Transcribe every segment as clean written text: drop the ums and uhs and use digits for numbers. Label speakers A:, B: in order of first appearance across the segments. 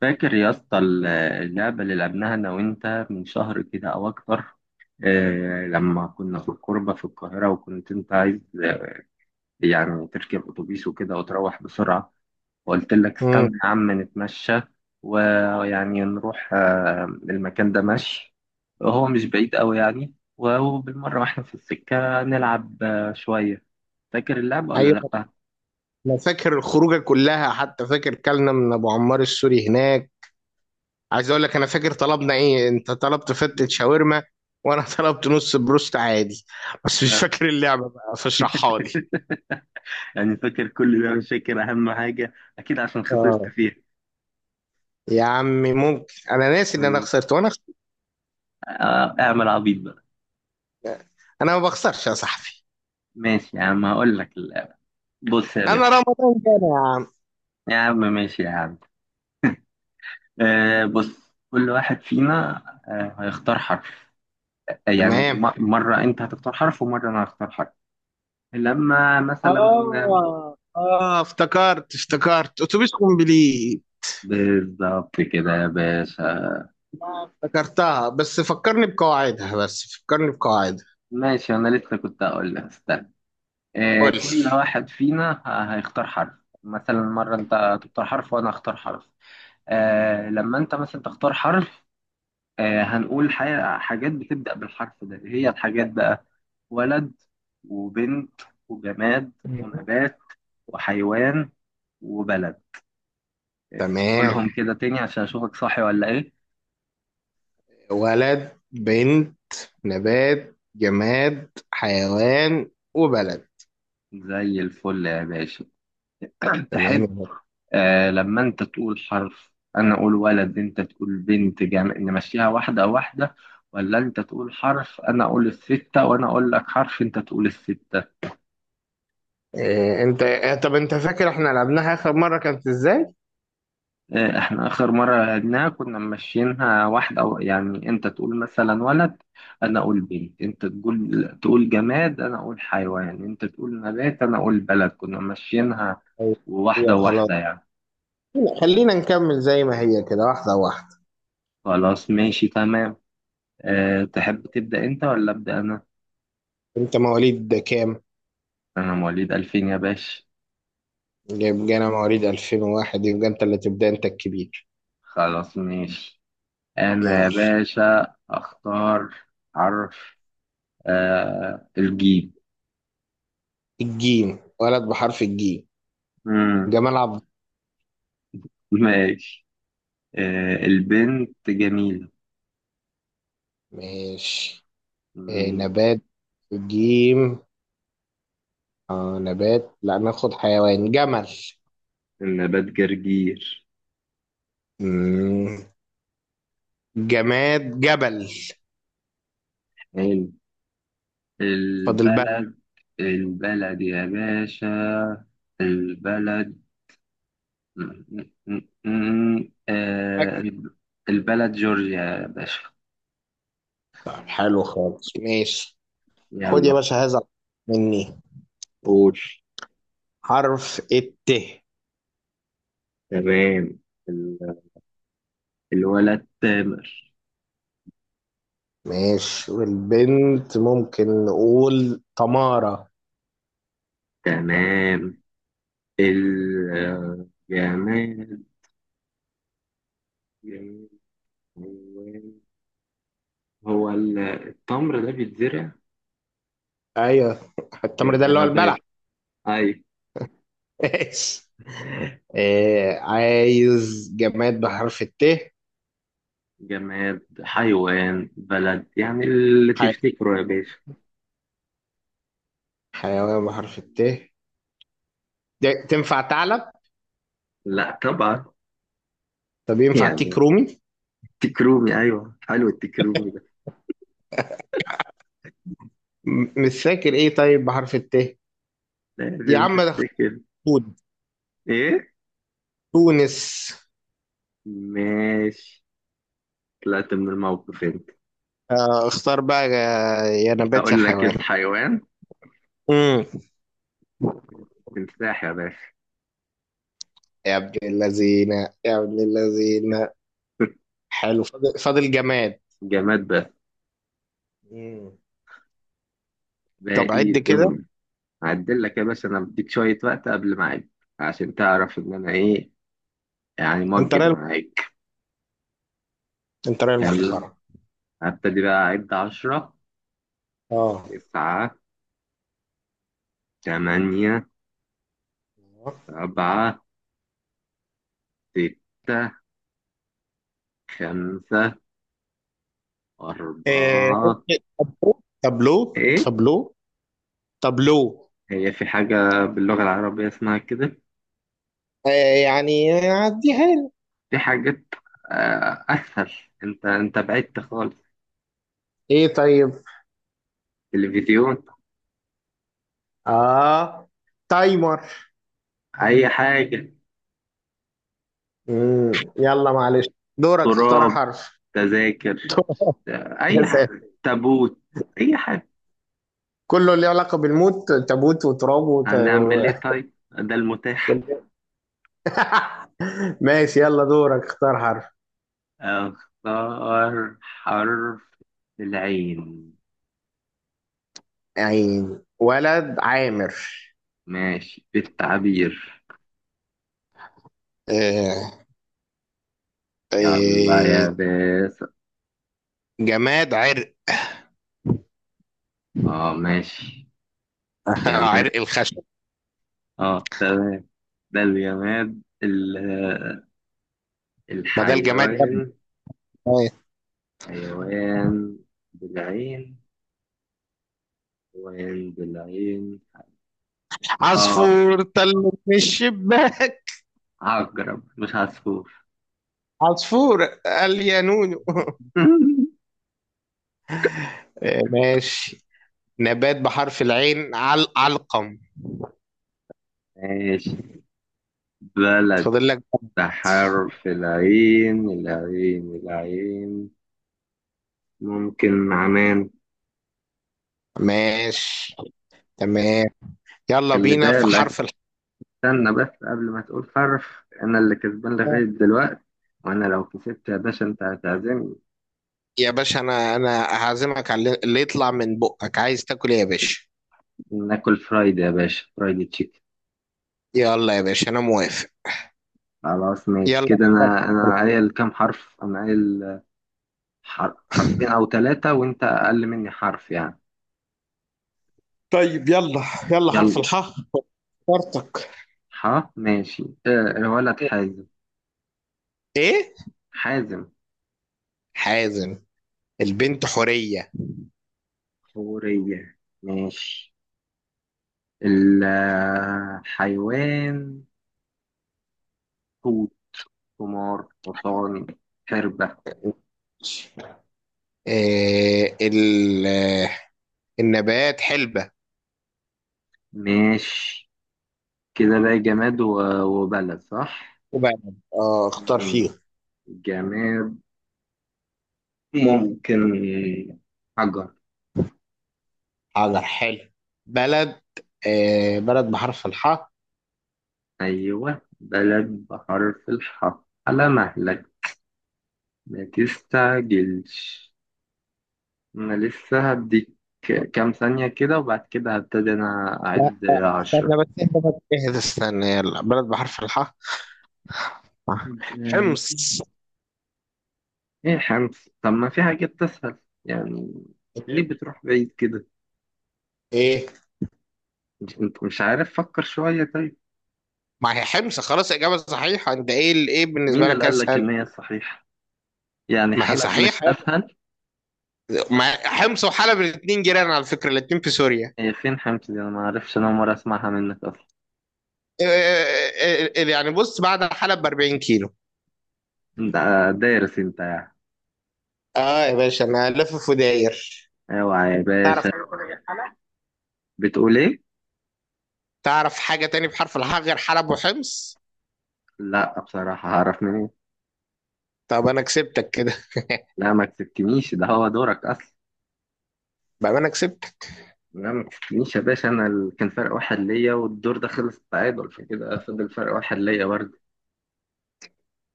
A: فاكر يا اسطى اللعبة اللي لعبناها أنا وأنت من شهر كده أو أكتر. لما كنا في الكوربة في القاهرة وكنت أنت عايز، يعني تركب أتوبيس وكده وتروح بسرعة، وقلت لك
B: مم.
A: استنى يا عم نتمشى، ويعني نروح المكان ده مشي. هو مش بعيد أوي يعني وبالمرة وإحنا في السكة نلعب شوية. فاكر اللعبة ولا
B: ايوه،
A: لأ؟
B: انا فاكر الخروجه كلها. حتى فاكر كلنا من ابو عمار السوري هناك. عايز اقول لك انا فاكر طلبنا ايه. انت طلبت فتة شاورما وانا طلبت نص بروست عادي. بس مش فاكر اللعبه بقى، فاشرحها لي.
A: يعني فاكر كل ده مش فاكر أهم حاجة، أكيد عشان خسرت
B: اه،
A: فيها.
B: يا عمي ممكن انا ناسي ان انا خسرت وانا خسرت.
A: اعمل عبيط بقى.
B: انا ما بخسرش يا صاحبي.
A: ماشي يا عم هقول لك بص يا
B: انا
A: باشا.
B: رمضان كان يا عم.
A: يا عم ماشي يا عم. بص، كل واحد فينا هيختار حرف.
B: تمام.
A: مرة انت هتختار حرف ومرة انا هختار حرف. لما مثلا،
B: اه افتكرت اتوبيس كومبليت.
A: بالظبط كده يا باشا.
B: افتكرتها، بس فكرني بقواعدها.
A: ماشي انا لسه كنت هقول لك استنى.
B: قول لي.
A: كل واحد فينا هيختار حرف. مثلا مرة انت تختار حرف وانا هختار حرف. لما انت مثلا تختار حرف، هنقول حاجة، حاجات بتبدأ بالحرف ده، إيه هي الحاجات بقى؟ ولد، وبنت، وجماد،
B: مم.
A: ونبات، وحيوان، وبلد.
B: تمام.
A: قولهم كده تاني عشان أشوفك صاحي ولا إيه.
B: ولد، بنت، نبات، جماد، حيوان، وبلد.
A: زي الفل يا باشا.
B: تمام.
A: تحب، لما أنت تقول حرف أنا أقول ولد، أنت تقول بنت، جماد، نمشيها واحدة واحدة، ولا أنت تقول حرف أنا أقول الستة وأنا أقول لك حرف أنت تقول الستة.
B: إيه انت إيه؟ طب انت فاكر احنا لعبناها اخر مرة كانت ازاي؟
A: احنا اخر مره لعبناها كنا ماشيينها واحده، أو يعني انت تقول مثلا ولد، انا اقول بنت، انت تقول جماد، انا اقول حيوان، انت تقول نبات، انا اقول بلد، كنا ماشيينها
B: أيوة.
A: واحده
B: يا خلاص،
A: واحده يعني.
B: لا، خلينا نكمل زي ما هي كده، واحدة واحدة.
A: خلاص ماشي تمام. أه، تحب تبدا انت ولا ابدا انا؟
B: انت مواليد ده كام؟
A: انا مواليد 2000 يا باشا.
B: يبقى انا مواليد 2001. يبقى انت اللي تبدأ، انت الكبير.
A: خلاص ماشي. انا يا
B: يلا.
A: باشا اختار حرف. أه، الجيم.
B: الجيم، ولد بحرف الجيم،
A: مم،
B: جمال عبد.
A: ماشي. أه، البنت جميل.
B: ماشي. إيه
A: مم.
B: نبات الجيم؟ آه نبات، لا ناخد حيوان، جمل.
A: النبات جرجير.
B: مم. جماد، جبل.
A: حلو.
B: فاضل بقى
A: البلد، البلد يا باشا، البلد. مم، مم،
B: الأكل.
A: البلد جورجيا يا باشا.
B: طب حلو خالص، ماشي. خد يا
A: يلا.
B: باشا هذا مني.
A: قول.
B: حرف الت.
A: تمام. ال- الولد تامر.
B: ماشي، والبنت ممكن نقول تمارة.
A: تمام. الجماد جماد، جماد، حيوان. هو التمر ده بيتزرع،
B: ايوه، التمر ده
A: يبقى
B: اللي هو البلح.
A: نبات. أيوة.
B: ماشي. آه عايز جماد بحرف الت.
A: جماد، حيوان، بلد، يعني اللي
B: حي...
A: تفتكره يا باشا.
B: حيوان بحرف الت. ده تنفع ثعلب؟
A: لا طبعا.
B: طب ينفع تيك
A: يعني
B: رومي؟
A: تكرومي، ايوه حلو التكرومي ده.
B: مش فاكر ايه طيب بحرف الت. يا
A: لازم
B: عم ده خد،
A: تفتكر. ايه،
B: تونس.
A: ماشي. طلعت من الموقف انت.
B: اختار بقى، يا نبات يا
A: اقول لك
B: حيوان.
A: الحيوان،
B: امم.
A: تمساح يا باشا.
B: يا ابن اللذينة، يا ابن اللذينة. حلو، فاضل جماد.
A: جماد بس،
B: مم. طب
A: باقي
B: عد كده.
A: دهون. هعدل لك يا باشا، انا بديك شوية وقت قبل ما اعد، عشان تعرف ان انا ايه، يعني
B: انت
A: موجب
B: راجل،
A: معاك.
B: انت راجل
A: يلا،
B: محترم.
A: هبتدي بقى اعد. عشرة،
B: اه.
A: تسعة، تمانية، سبعة، ستة، خمسة،
B: إيه،
A: أربعة.
B: طابلو طابلو
A: إيه؟
B: طابلو طابلو.
A: هي في حاجة باللغة العربية اسمها كده؟
B: آه، يعني عديها لي.
A: في حاجات أسهل. أنت بعدت خالص.
B: ايه طيب.
A: تلفزيون،
B: اه، تايمر.
A: أي حاجة،
B: يلا معلش. دورك تختار
A: تراب،
B: حرف.
A: تذاكر،
B: يا
A: أي
B: ساتر.
A: حاجة، تابوت، أي حاجة.
B: كله اللي علاقة بالموت، تابوت وتراب
A: هنعمل إيه طيب؟ ده المتاح.
B: ماشي، يلا دورك اختار حرف.
A: أختار حرف. العين.
B: عين، ولد عامر.
A: ماشي بالتعبير.
B: آه،
A: يلا يا
B: آه،
A: باسل.
B: جماد عرق.
A: اه ماشي. جمال.
B: عرق الخشب.
A: اه تمام. ده الجماد
B: ما ده الجماد يا ابني.
A: الحيوان.
B: آه.
A: حيوان بالعين، حيوان بالعين. اه،
B: عصفور طل من الشباك.
A: عقرب مش عصفور.
B: عصفور قال يا نونو. آه، ماشي. نبات بحرف العين، علقم.
A: ماشي. بلد
B: فاضل لك.
A: بحرف العين، العين. ممكن عمان.
B: ماشي. تمام. يلا
A: خلي
B: بينا في
A: بالك،
B: حرف
A: استنى بس قبل ما تقول حرف، انا اللي كسبان
B: الحاء.
A: لغاية دلوقتي، وانا لو كسبت يا باشا انت هتعزمني.
B: يا باشا، انا هعزمك على اللي يطلع من بقك. عايز تاكل ايه يا باشا؟
A: ناكل فرايدي يا باشا، فرايدي تشيكن.
B: يلا يا باشا، انا موافق.
A: خلاص ماشي
B: يلا.
A: كده. انا قايل كام حرف؟ انا قايل حرفين او ثلاثة، وانت اقل مني حرف يعني.
B: طيب يلا، يلا حرف
A: يلا.
B: الحاء فرتك.
A: ح، ماشي. الولد حازم.
B: ايه.
A: حازم،
B: حازم، البنت حورية.
A: حورية. ماشي. الحيوان حوت، حمار، حصان، حربة.
B: إيه ال، آه، النبات حلبة.
A: ماشي. كده بقى جماد وبلد صح.
B: وبلد، اه اختار
A: مم.
B: فيه.
A: جماد، ممكن حجر.
B: حاضر، حلو. بلد. إيه بلد بحرف الحاء.
A: أيوة، بلد بحرف الحاء، على مهلك، ما تستعجلش، أنا لسه هديك كام ثانية كده وبعد كده هبتدي أنا
B: لا
A: أعد
B: لا،
A: عشرة.
B: استنى بس، اهدى بس اهدى، استنى. يلا بلد بحرف الحاء.
A: آه،
B: حمص.
A: إيه خمس؟ طب ما في حاجات تسهل يعني، ليه بتروح بعيد كده؟
B: ايه.
A: أنت مش عارف، فكر شوية طيب.
B: ما هي حمص خلاص، اجابه صحيحه. انت ايه الايه بالنسبه
A: مين اللي
B: لك
A: قال لك إن
B: اسهل؟
A: هي صحيحة؟ يعني
B: ما هي
A: حلب مش
B: صحيحه.
A: أسهل؟
B: ما حمص وحلب الاثنين جيران، على فكره الاثنين في سوريا.
A: هي فين حمص دي؟ أنا ما أعرفش، أنا أول مرة أسمعها منك أصلا.
B: إيه إيه إيه إيه، إيه، إيه، يعني بص، بعد حلب ب 40 كيلو.
A: أنت دارس أنت يعني.
B: اه يا باشا، انا لافف وداير.
A: أيوة يا
B: تعرف
A: باشا.
B: حاجه تاني غير حلب؟
A: بتقول إيه؟
B: تعرف حاجه تاني بحرف الحاء غير حلب وحمص؟
A: لا بصراحة، هعرف منين.
B: طب انا كسبتك كده.
A: لا ما كسبتنيش، ده هو دورك أصلا.
B: بقى انا كسبتك.
A: لا ما كسبتنيش يا باشا. أنا كان فرق واحد ليا، والدور ده خلص تعادل، فكده فضل فرق واحد ليا برضه.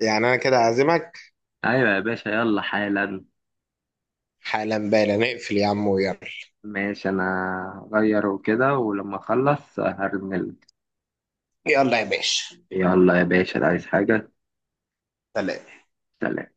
B: يعني انا كده عازمك.
A: أيوة يا باشا، يلا حالا.
B: حالا بالا، نقفل يا عم ويلا.
A: ماشي، أنا هغير وكده، ولما أخلص هرنلك.
B: يلا يا باشا.
A: يلا يا باشا، عايز حاجة؟
B: سلام.
A: سلام.